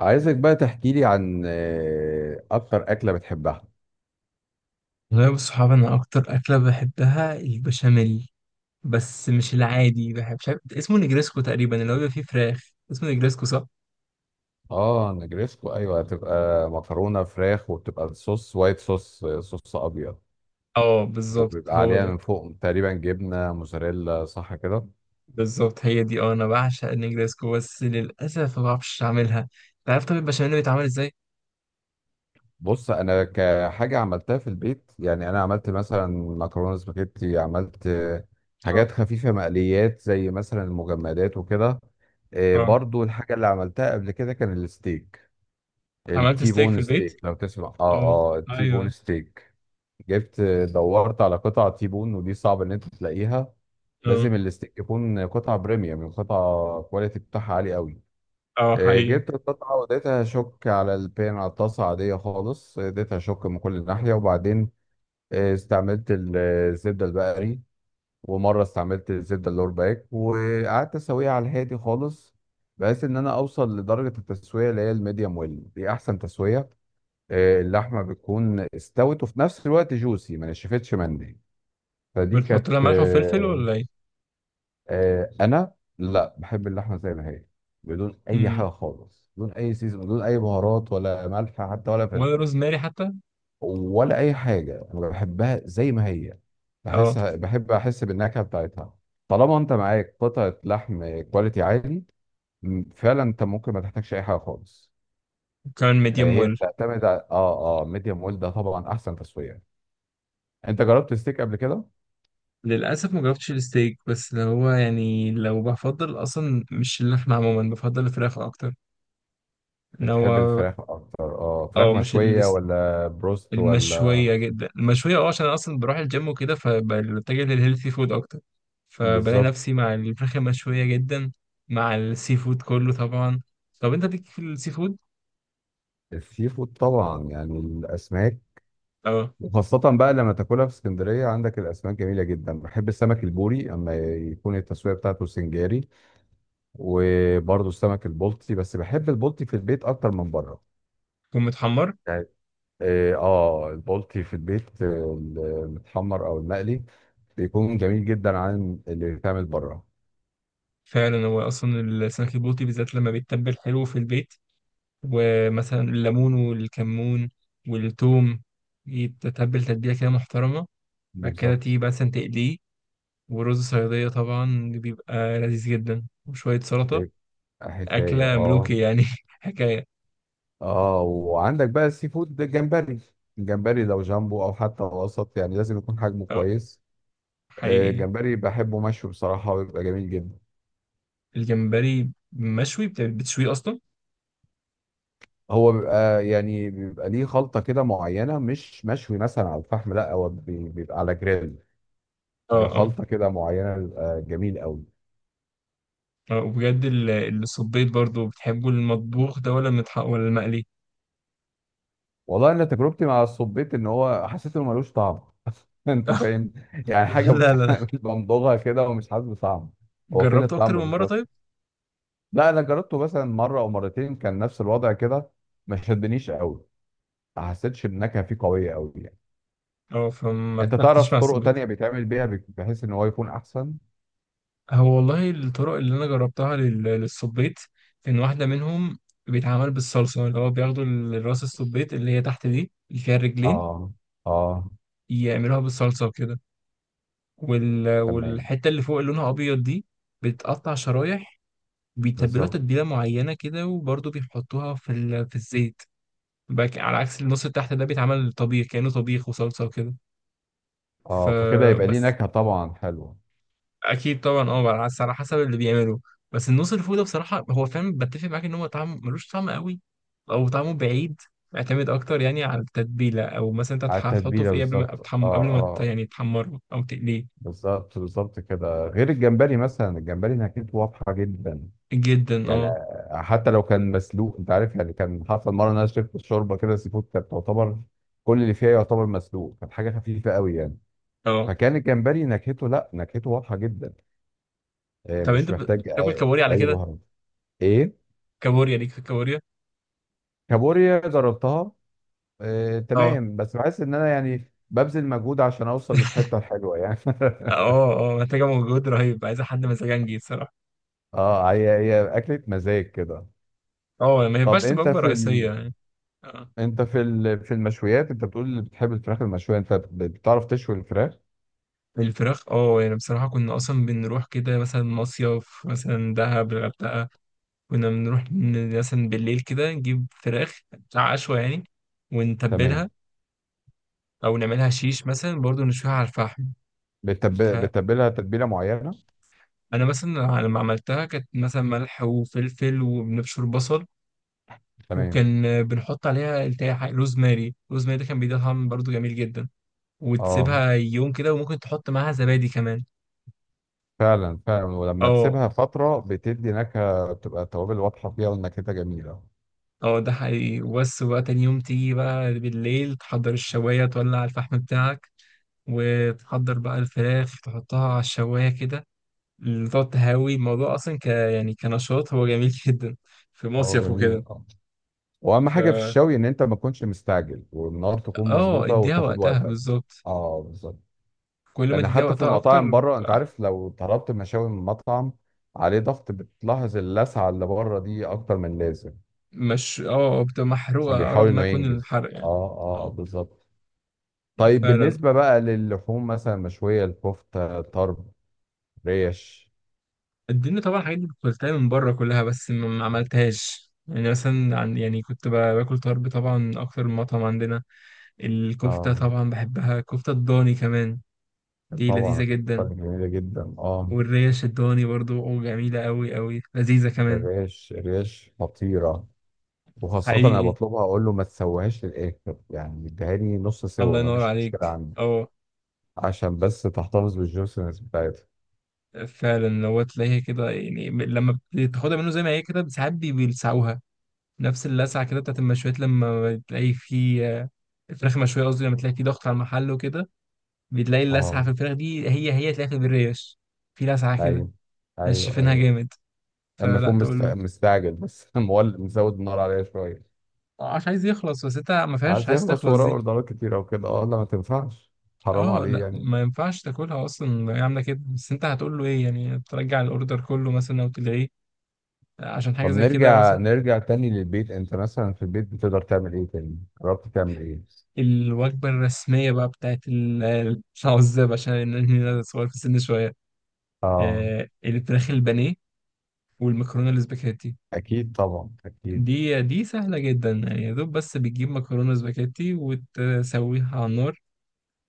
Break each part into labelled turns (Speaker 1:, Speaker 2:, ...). Speaker 1: عايزك بقى تحكي لي عن اكتر اكله بتحبها؟
Speaker 2: والله بالصحاب انا اكتر اكله بحبها البشاميل. بس مش العادي، بحب مش عارف اسمه نجريسكو تقريبا، اللي هو بيبقى فيه فراخ، اسمه نجريسكو صح؟
Speaker 1: اه، نجريسكو، ايوه، بتبقى مكرونه فراخ وبتبقى الصوص وايت صوص، صوص ابيض.
Speaker 2: اه بالظبط
Speaker 1: وبيبقى
Speaker 2: هو
Speaker 1: عليها
Speaker 2: ده.
Speaker 1: من فوق تقريبا جبنه موزاريلا، صح كده؟
Speaker 2: بالظبط هي دي، اه انا بعشق النجريسكو، بس للاسف ما بعرفش اعملها. انت عارف طب البشاميل اللي بيتعمل ازاي؟
Speaker 1: بص، انا كحاجه عملتها في البيت، يعني انا عملت مثلا مكرونه سباجيتي، عملت حاجات
Speaker 2: اه
Speaker 1: خفيفه، مقليات زي مثلا المجمدات وكده.
Speaker 2: اه.
Speaker 1: برضو الحاجة اللي عملتها قبل كده كان الستيك.
Speaker 2: عملت
Speaker 1: التي
Speaker 2: ستيك في
Speaker 1: بون
Speaker 2: البيت؟
Speaker 1: ستيك، لو تسمع، اه.
Speaker 2: اه.
Speaker 1: اه، التي بون
Speaker 2: ايوه.
Speaker 1: ستيك. جبت دورت على قطع تيبون، ودي صعب ان انت تلاقيها.
Speaker 2: اه
Speaker 1: لازم الاستيك يكون قطعة بريميوم، قطعة كواليتي بتاعها عالي قوي.
Speaker 2: اه حقيقي.
Speaker 1: جبت القطعة واديتها شوك على البان، على الطاسة عادية خالص، اديتها شوك من كل ناحية، وبعدين استعملت الزبدة البقري. ومرة استعملت الزبدة اللور باك، وقعدت اسويها على الهادي خالص، بحيث ان انا اوصل لدرجة التسوية اللي هي الميديوم ويل، دي احسن تسوية. اللحمة بتكون استوت، وفي نفس الوقت جوسي، ما نشفتش مني. فدي
Speaker 2: بتحط
Speaker 1: كانت
Speaker 2: لها ملح وفلفل
Speaker 1: آه،
Speaker 2: ولا ايه؟
Speaker 1: انا لا، بحب اللحمه زي ما هي. بدون اي
Speaker 2: امم.
Speaker 1: حاجه خالص، بدون اي سيزون، بدون اي بهارات، ولا ملح حتى، ولا
Speaker 2: ولا
Speaker 1: فلفل.
Speaker 2: روزماري حتى.
Speaker 1: ولا اي حاجه، انا بحبها زي ما هي.
Speaker 2: اه
Speaker 1: بحسها، بحب احس بالنكهه بتاعتها. طالما انت معاك قطعه لحم كواليتي عالي، فعلا انت ممكن ما تحتاجش اي حاجه خالص.
Speaker 2: كان ميديم
Speaker 1: هي
Speaker 2: ويل؟
Speaker 1: بتعتمد على ميديوم ويل، ده طبعا احسن تسويه. انت جربت ستيك قبل كده؟
Speaker 2: للأسف ما جربتش الستيك، بس اللي هو يعني لو بفضل أصلا مش اللحمة عموما، بفضل الفراخ أكتر. إن هو،
Speaker 1: بتحب الفراخ اكتر، فراخ
Speaker 2: أو مش
Speaker 1: مشويه
Speaker 2: الس-
Speaker 1: ولا بروست ولا.
Speaker 2: المشوية جدا، المشوية عشان أنا أصلا بروح الجيم وكده، فبتجه للهيلثي فود أكتر. فبلاقي
Speaker 1: بالظبط.
Speaker 2: نفسي مع الفراخ المشوية جدا، مع السي فود كله طبعا. طب أنت ليك في السي فود؟
Speaker 1: السي فود؟ طبعا، يعني الاسماك.
Speaker 2: أه.
Speaker 1: وخاصة بقى لما تاكلها في اسكندرية، عندك الاسماك جميلة جدا. بحب السمك البوري اما يكون التسوية بتاعته سنجاري. وبرضه السمك البلطي، بس بحب البلطي في البيت اكتر من بره.
Speaker 2: يكون متحمر.
Speaker 1: يعني، اه آه، البلطي في البيت، المتحمر او المقلي، بيكون جميل جدا عن اللي بيتعمل بره.
Speaker 2: فعلا هو أصلا السمك البلطي بالذات لما بيتبل حلو في البيت، ومثلا الليمون والكمون والثوم، يتتبل تتبيلة كده محترمة. بعد كده
Speaker 1: بالظبط.
Speaker 2: تيجي مثلا تقليه، ورز صيادية طبعا بيبقى لذيذ جدا، وشوية سلطة.
Speaker 1: بيبقى حكاية،
Speaker 2: أكلة
Speaker 1: اه.
Speaker 2: ملوكي يعني حكاية.
Speaker 1: اه، وعندك بقى السي فود، جمبري. الجمبري لو جامبو او حتى وسط، يعني لازم يكون حجمه
Speaker 2: اه
Speaker 1: كويس.
Speaker 2: حقيقي.
Speaker 1: الجمبري بحبه مشوي، بصراحة بيبقى جميل جدا.
Speaker 2: الجمبري مشوي، بتشويه أصلا؟
Speaker 1: هو بيبقى، يعني بيبقى ليه خلطة كده معينة، مش مشوي مثلا على الفحم، لا هو بيبقى على جريل.
Speaker 2: اه اه
Speaker 1: بخلطة كده معينة، بيبقى جميل قوي.
Speaker 2: اه وبجد، الصبيط برضو، بتحبوا المطبوخ ده ولا المتحق ولا المقلي؟
Speaker 1: والله انا تجربتي مع الصبيط ان هو، حسيت انه ملوش طعم. انت فاهم؟ يعني حاجة
Speaker 2: لا لا لا.
Speaker 1: بمضغها كده ومش حاسس بطعم. هو فين
Speaker 2: جربته أكتر
Speaker 1: الطعم
Speaker 2: من مرة
Speaker 1: بالظبط؟
Speaker 2: طيب.
Speaker 1: لا، انا جربته مثلا مره او مرتين، كان نفس الوضع كده. ما شدنيش قوي. ما حسيتش النكهه فيه قويه قوي، يعني.
Speaker 2: اه فما
Speaker 1: انت
Speaker 2: ارتحتش
Speaker 1: تعرف
Speaker 2: مع
Speaker 1: طرق
Speaker 2: الصبيط.
Speaker 1: تانية بيتعمل بيها، بحيث ان هو يكون احسن؟
Speaker 2: هو والله الطرق اللي انا جربتها للسبيط، ان واحده منهم بيتعمل بالصلصه، اللي هو بياخدوا راس السبيط اللي هي تحت دي اللي فيها الرجلين،
Speaker 1: اه، اه،
Speaker 2: يعملوها بالصلصه وكده.
Speaker 1: تمام.
Speaker 2: والحته اللي فوق اللي لونها ابيض دي، بتقطع شرايح، بيتبلوها
Speaker 1: بالظبط.
Speaker 2: تتبيله معينه كده، وبرضه بيحطوها في الزيت. على عكس النص اللي تحت ده، بيتعمل طبيخ، كانه طبيخ وصلصه وكده
Speaker 1: اه، فكده يبقى ليه
Speaker 2: فبس.
Speaker 1: نكهه طبعا حلوه.
Speaker 2: اكيد طبعا، اه على حسب اللي بيعمله. بس النص الفوق ده بصراحه، هو فاهم، بتفق معاك ان هو طعم ملوش طعم قوي، او طعمه بعيد. يعتمد اكتر يعني على التتبيله، او مثلا انت
Speaker 1: على
Speaker 2: هتحطه
Speaker 1: التتبيله،
Speaker 2: في ايه
Speaker 1: بالظبط. اه،
Speaker 2: قبل ما ت-
Speaker 1: اه.
Speaker 2: يعني تحمره او تقليه.
Speaker 1: بالظبط، بالظبط كده. غير الجمبري، مثلا الجمبري نكهته واضحه جدا.
Speaker 2: جدا
Speaker 1: يعني
Speaker 2: اه.
Speaker 1: حتى لو كان مسلوق، انت عارف يعني، كان حصل مره ان انا شربت الشوربه كده، سي فود، كانت تعتبر كل اللي فيها يعتبر مسلوق، كانت حاجه خفيفه قوي يعني.
Speaker 2: اه
Speaker 1: فكان الجمبري نكهته، لا نكهته واضحه جدا.
Speaker 2: طب انت
Speaker 1: مش محتاج
Speaker 2: بتاكل
Speaker 1: اي
Speaker 2: كابوريا على
Speaker 1: أي
Speaker 2: كده؟
Speaker 1: بهارات. ايه؟
Speaker 2: كابوريا ليك في الكابوريا؟
Speaker 1: كابوريا جربتها.
Speaker 2: اه
Speaker 1: تمام، بس بحس ان انا يعني ببذل مجهود عشان اوصل للحته الحلوه، يعني
Speaker 2: اه اه محتاجه مجهود رهيب، عايزه حد مزاجنجي بصراحه.
Speaker 1: اه، هي هي اكله مزاج كده.
Speaker 2: اه ما
Speaker 1: طب
Speaker 2: ينفعش تبقى
Speaker 1: انت
Speaker 2: وجبه
Speaker 1: في
Speaker 2: رئيسيه
Speaker 1: ال...
Speaker 2: يعني. اه
Speaker 1: انت في ال... في المشويات، انت بتقول اللي بتحب الفراخ المشويه، انت بتعرف تشوي الفراخ؟
Speaker 2: الفراخ، اه يعني بصراحه كنا اصلا بنروح كده مثلا مصيف، مثلا دهب، الغردقه. كنا بنروح مثلا بالليل كده نجيب فراخ بتاع عشوة يعني،
Speaker 1: تمام.
Speaker 2: ونتبلها. أو نعملها شيش مثلا، برضو نشويها على الفحم.
Speaker 1: بتب...
Speaker 2: فأنا
Speaker 1: بتتبلها تتبيلة معينة؟
Speaker 2: مثلا لما عملتها كانت مثلا ملح وفلفل وبنبشر بصل.
Speaker 1: تمام،
Speaker 2: وكان بنحط عليها التاي حاجة روزماري، روزماري ده كان بيديها طعم برضو جميل جدا.
Speaker 1: اه.
Speaker 2: وتسيبها يوم كده، وممكن تحط معاها زبادي كمان.
Speaker 1: فعلا فعلا، ولما
Speaker 2: اه.
Speaker 1: تسيبها فترة بتدي نكهة، بتبقى التوابل واضحة فيها والنكهة جميلة.
Speaker 2: اه ده حقيقي. وبس بقى تاني يوم تيجي بقى بالليل، تحضر الشواية، تولع الفحم بتاعك، وتحضر بقى الفراخ، تحطها على الشواية كده. اللي تقعد تهوي الموضوع أصلا يعني كنشاط هو جميل جدا، في
Speaker 1: اه،
Speaker 2: مصيف
Speaker 1: جميل،
Speaker 2: وكده.
Speaker 1: اه. واهم
Speaker 2: ف
Speaker 1: حاجة في الشوي ان انت ما تكونش مستعجل، والنار تكون
Speaker 2: اه
Speaker 1: مظبوطة،
Speaker 2: اديها
Speaker 1: وتاخد
Speaker 2: وقتها
Speaker 1: وقتك.
Speaker 2: بالظبط.
Speaker 1: اه، بالظبط.
Speaker 2: كل ما
Speaker 1: لان
Speaker 2: تديها
Speaker 1: حتى في
Speaker 2: وقتها أكتر
Speaker 1: المطاعم بره انت
Speaker 2: بتبقى أحلى.
Speaker 1: عارف، لو طلبت مشاوي من مطعم عليه ضغط، بتلاحظ اللسعة اللي بره دي اكتر من لازم.
Speaker 2: مش بتبقى
Speaker 1: عشان
Speaker 2: محروقة، أقرب
Speaker 1: بيحاول
Speaker 2: ما
Speaker 1: انه
Speaker 2: يكون
Speaker 1: ينجز،
Speaker 2: الحرق
Speaker 1: اه.
Speaker 2: يعني.
Speaker 1: اه،
Speaker 2: اه
Speaker 1: بالظبط. طيب،
Speaker 2: فعلا.
Speaker 1: بالنسبة بقى للحوم مثلا مشوية، الكفتة، طرب، ريش.
Speaker 2: اديني طبعا الحاجات دي كنت باكلتها من بره كلها، بس ما عملتهاش يعني. مثلا عن يعني كنت باكل طرب طبعا من أكتر من مطعم عندنا. الكفتة
Speaker 1: اه،
Speaker 2: طبعا بحبها، كفتة الضاني كمان دي
Speaker 1: طبعا
Speaker 2: لذيذة
Speaker 1: الكفتة
Speaker 2: جدا.
Speaker 1: جميلة جدا، اه.
Speaker 2: والريا الشدواني برضو أو جميلة أوي أوي، لذيذة كمان.
Speaker 1: الريش خطيرة. وخاصة أنا
Speaker 2: حقيقي.
Speaker 1: بطلبها، أقول له ما تسويهاش للآخر، يعني اديها لي نص
Speaker 2: الله
Speaker 1: سوا، ما
Speaker 2: ينور
Speaker 1: فيش
Speaker 2: عليك.
Speaker 1: مشكلة عندي.
Speaker 2: اه
Speaker 1: عشان بس تحتفظ بالجوسنس بتاعتها.
Speaker 2: فعلا، لو تلاقيها كده يعني، لما بتاخدها منه زي ما هي كده ساعات بيلسعوها. نفس اللسعة كده بتاعت المشويات، لما بتلاقي في الفراخ مشوية، قصدي لما تلاقي في ضغط على المحل وكده، بتلاقي اللسعة
Speaker 1: اه،
Speaker 2: في الفراخ دي، هي هي تلاقيها في الريش، في لسعة كده.
Speaker 1: أيوه، أيوه،
Speaker 2: نشفينها
Speaker 1: أيوه.
Speaker 2: جامد،
Speaker 1: أما
Speaker 2: فلا
Speaker 1: يكون
Speaker 2: تقول له
Speaker 1: مستعجل بس مولد، مزود النار عليها شوية.
Speaker 2: مش عايز يخلص، بس انت ما فيهاش
Speaker 1: عايز
Speaker 2: عايز
Speaker 1: يخلص
Speaker 2: تخلص
Speaker 1: وراه
Speaker 2: دي.
Speaker 1: أوردرات كتيرة وكده، اه، لا، ما تنفعش. حرام
Speaker 2: اه
Speaker 1: عليه
Speaker 2: لا
Speaker 1: يعني.
Speaker 2: ما ينفعش تاكلها اصلا هي عامله كده، بس انت هتقول له ايه يعني، ترجع الاوردر كله مثلا او تلغيه عشان حاجه
Speaker 1: طب،
Speaker 2: زي كده
Speaker 1: نرجع
Speaker 2: مثلا.
Speaker 1: نرجع تاني للبيت، انت مثلا في البيت بتقدر تعمل ايه؟ تاني جربت تعمل ايه؟
Speaker 2: الوجبه الرسميه بقى بتاعت العزاب، عشان إن انا صغير في السن شويه.
Speaker 1: اه،
Speaker 2: آه الفراخ البانيه، والمكرونه الاسباجيتي.
Speaker 1: اكيد طبعا، اكيد.
Speaker 2: دي سهله جدا يعني، يا دوب بس بتجيب مكرونه سباجيتي وتسويها على النار،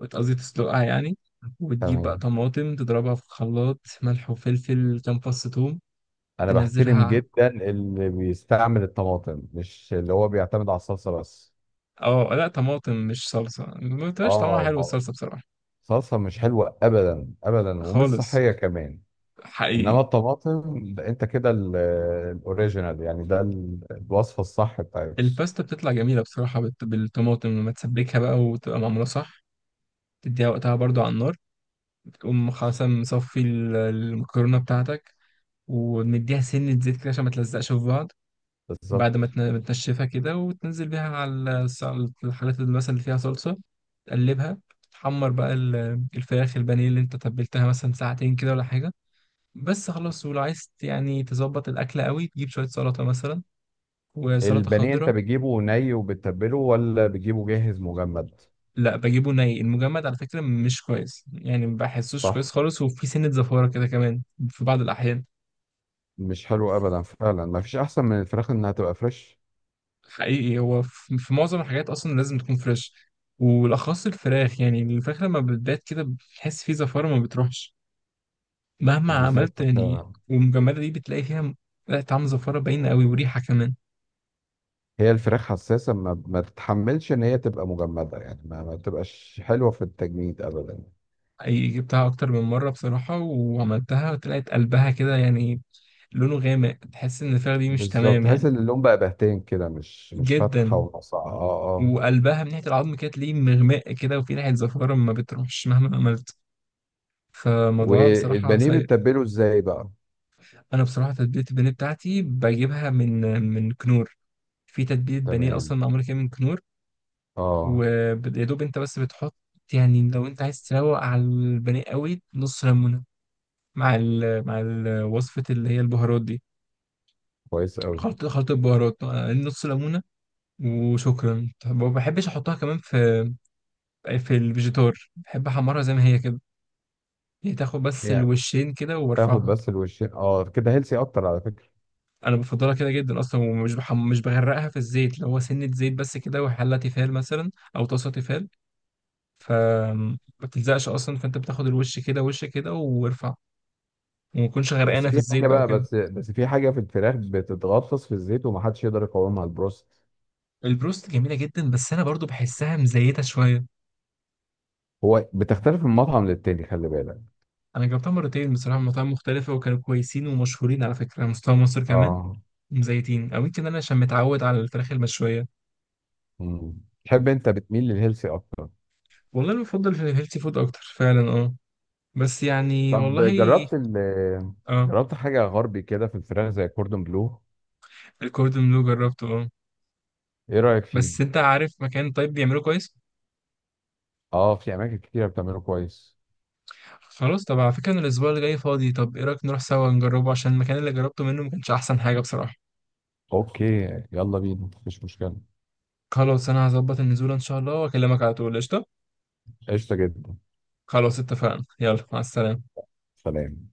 Speaker 2: قصدي تسلقها يعني. وتجيب بقى
Speaker 1: تمام.
Speaker 2: طماطم تضربها في خلاط، ملح وفلفل، كام فص ثوم
Speaker 1: انا بحترم
Speaker 2: تنزلها.
Speaker 1: جدا اللي بيستعمل الطماطم، مش اللي هو بيعتمد على الصلصه بس.
Speaker 2: اه لا طماطم مش صلصة، ما بتبقاش طعمها
Speaker 1: اه،
Speaker 2: حلو
Speaker 1: ما هو
Speaker 2: الصلصة بصراحة.
Speaker 1: الصلصه مش حلوه ابدا ابدا، ومش
Speaker 2: خالص.
Speaker 1: صحيه كمان. انما
Speaker 2: حقيقي.
Speaker 1: الطماطم ده، انت كده الاوريجينال يعني، ده الوصفه الصح بتاعتك.
Speaker 2: الباستا بتطلع جميلة بصراحة بالطماطم، لما تسبكها بقى وتبقى معمولة صح، تديها وقتها برضو على النار، تقوم خاصة مصفي المكرونة بتاعتك، ومديها سنة زيت كده عشان ما تلزقش في بعض. بعد ما
Speaker 1: بالظبط.
Speaker 2: تنشفها كده، وتنزل بيها على الحاجات اللي مثلا اللي فيها صلصة، تقلبها. تحمر بقى الفراخ البانيه اللي انت تبلتها مثلا ساعتين كده ولا حاجة. بس خلاص. ولو عايز يعني تظبط الأكلة قوي، تجيب شوية سلطة مثلا، وسلطة
Speaker 1: البانيه انت
Speaker 2: خضراء.
Speaker 1: بتجيبه ني وبتتبله، ولا بتجيبه جاهز مجمد؟
Speaker 2: لا بجيبه ني، المجمد على فكرة مش كويس يعني، ما بحسوش كويس
Speaker 1: صح،
Speaker 2: خالص، وفي سنة زفارة كده كمان في بعض الأحيان.
Speaker 1: مش حلو ابدا، فعلا ما فيش احسن من الفراخ انها تبقى فريش.
Speaker 2: حقيقي هو في معظم الحاجات أصلا لازم تكون فريش، والأخص الفراخ. يعني الفراخ لما بتبات كده بتحس فيه زفارة، ما بتروحش مهما عملت
Speaker 1: بالظبط،
Speaker 2: يعني،
Speaker 1: فعلا.
Speaker 2: والمجمدة دي بتلاقي فيها لا طعم، زفارة باينة قوي وريحة كمان.
Speaker 1: هي الفراخ حساسه، ما تتحملش ان هي تبقى مجمده، يعني ما تبقاش حلوه في التجميد ابدا.
Speaker 2: حقيقي جبتها أكتر من مرة بصراحة، وعملتها طلعت قلبها كده يعني، لونه غامق، تحس ان الفراخ دي مش
Speaker 1: بالظبط،
Speaker 2: تمام
Speaker 1: تحس
Speaker 2: يعني.
Speaker 1: ان اللون بقى بهتان كده، مش فاتحه
Speaker 2: جدا.
Speaker 1: وناصعه، اه، اه.
Speaker 2: وقلبها من ناحيه العظم كانت ليه مغماء كده، وفي ناحيه زفاره ما بتروحش مهما عملت، فالموضوع بصراحه
Speaker 1: والبانيه
Speaker 2: سيء.
Speaker 1: بتتبله ازاي بقى؟
Speaker 2: انا بصراحه تتبيله البانيه بتاعتي بجيبها من كنور، في تتبيله بانيه اصلا
Speaker 1: تمام،
Speaker 2: معموله كده من كنور.
Speaker 1: اه،
Speaker 2: ويا دوب انت بس بتحط، يعني لو انت عايز تروق على البانيه قوي، نص ليمونه مع وصفه اللي هي البهارات دي.
Speaker 1: كويس قوي.
Speaker 2: خلطه البهارات نص ليمونه وشكرا. ما بحبش احطها كمان في الفيجيتار، بحب احمرها زي ما هي كده، هي تاخد بس
Speaker 1: يعني
Speaker 2: الوشين كده
Speaker 1: تاخد
Speaker 2: وبرفعها.
Speaker 1: بس الوشين، اه كده هيلسي اكتر على فكره.
Speaker 2: انا بفضلها كده جدا اصلا، ومش مش بغرقها في الزيت، لو هو سنة زيت بس كده، وحلة تيفال مثلا او طاسة تيفال فما بتلزقش اصلا، فانت بتاخد الوش كده وش كده وارفع، وما تكونش
Speaker 1: بس
Speaker 2: غرقانة في
Speaker 1: في
Speaker 2: الزيت
Speaker 1: حاجه
Speaker 2: بقى
Speaker 1: بقى،
Speaker 2: وكده.
Speaker 1: بس في حاجه في الفراخ بتتغطس في الزيت ومحدش يقدر يقاومها، البروست.
Speaker 2: البروست جميلة جدا، بس انا برضو بحسها مزيتة شوية.
Speaker 1: هو بتختلف من مطعم للتاني، خلي بالك.
Speaker 2: انا جربتها مرتين بصراحة من مطاعم مختلفة، وكانوا كويسين ومشهورين على فكرة على مستوى مصر كمان،
Speaker 1: اه.
Speaker 2: مزيتين. او يمكن انا عشان متعود على الفراخ المشوية.
Speaker 1: مم. تحب انت بتميل للهيلثي اكتر؟
Speaker 2: والله أنا بفضل في الهيلثي فود أكتر فعلا أه، بس يعني
Speaker 1: طب
Speaker 2: والله. أه.
Speaker 1: جربت حاجة غربي كده في الفراخ زي كوردون بلو.
Speaker 2: الكوردون بلو جربته أه،
Speaker 1: ايه رأيك فيه؟
Speaker 2: بس أنت عارف مكان طيب بيعمله كويس؟
Speaker 1: اه، في اماكن كتيرة بتعمله كويس.
Speaker 2: خلاص طب على فكرة، أنا الأسبوع اللي جاي فاضي، طب إيه رأيك نروح سوا نجربه، عشان المكان اللي جربته منه ما كانش أحسن حاجة بصراحة.
Speaker 1: اوكي، يلا بينا مفيش مشكلة.
Speaker 2: خلاص أنا هظبط النزول إن شاء الله، وأكلمك على طول. قشطة.
Speaker 1: قشطة جدا.
Speaker 2: خلاص اتفقنا، يلا مع السلامة.
Speaker 1: سلام.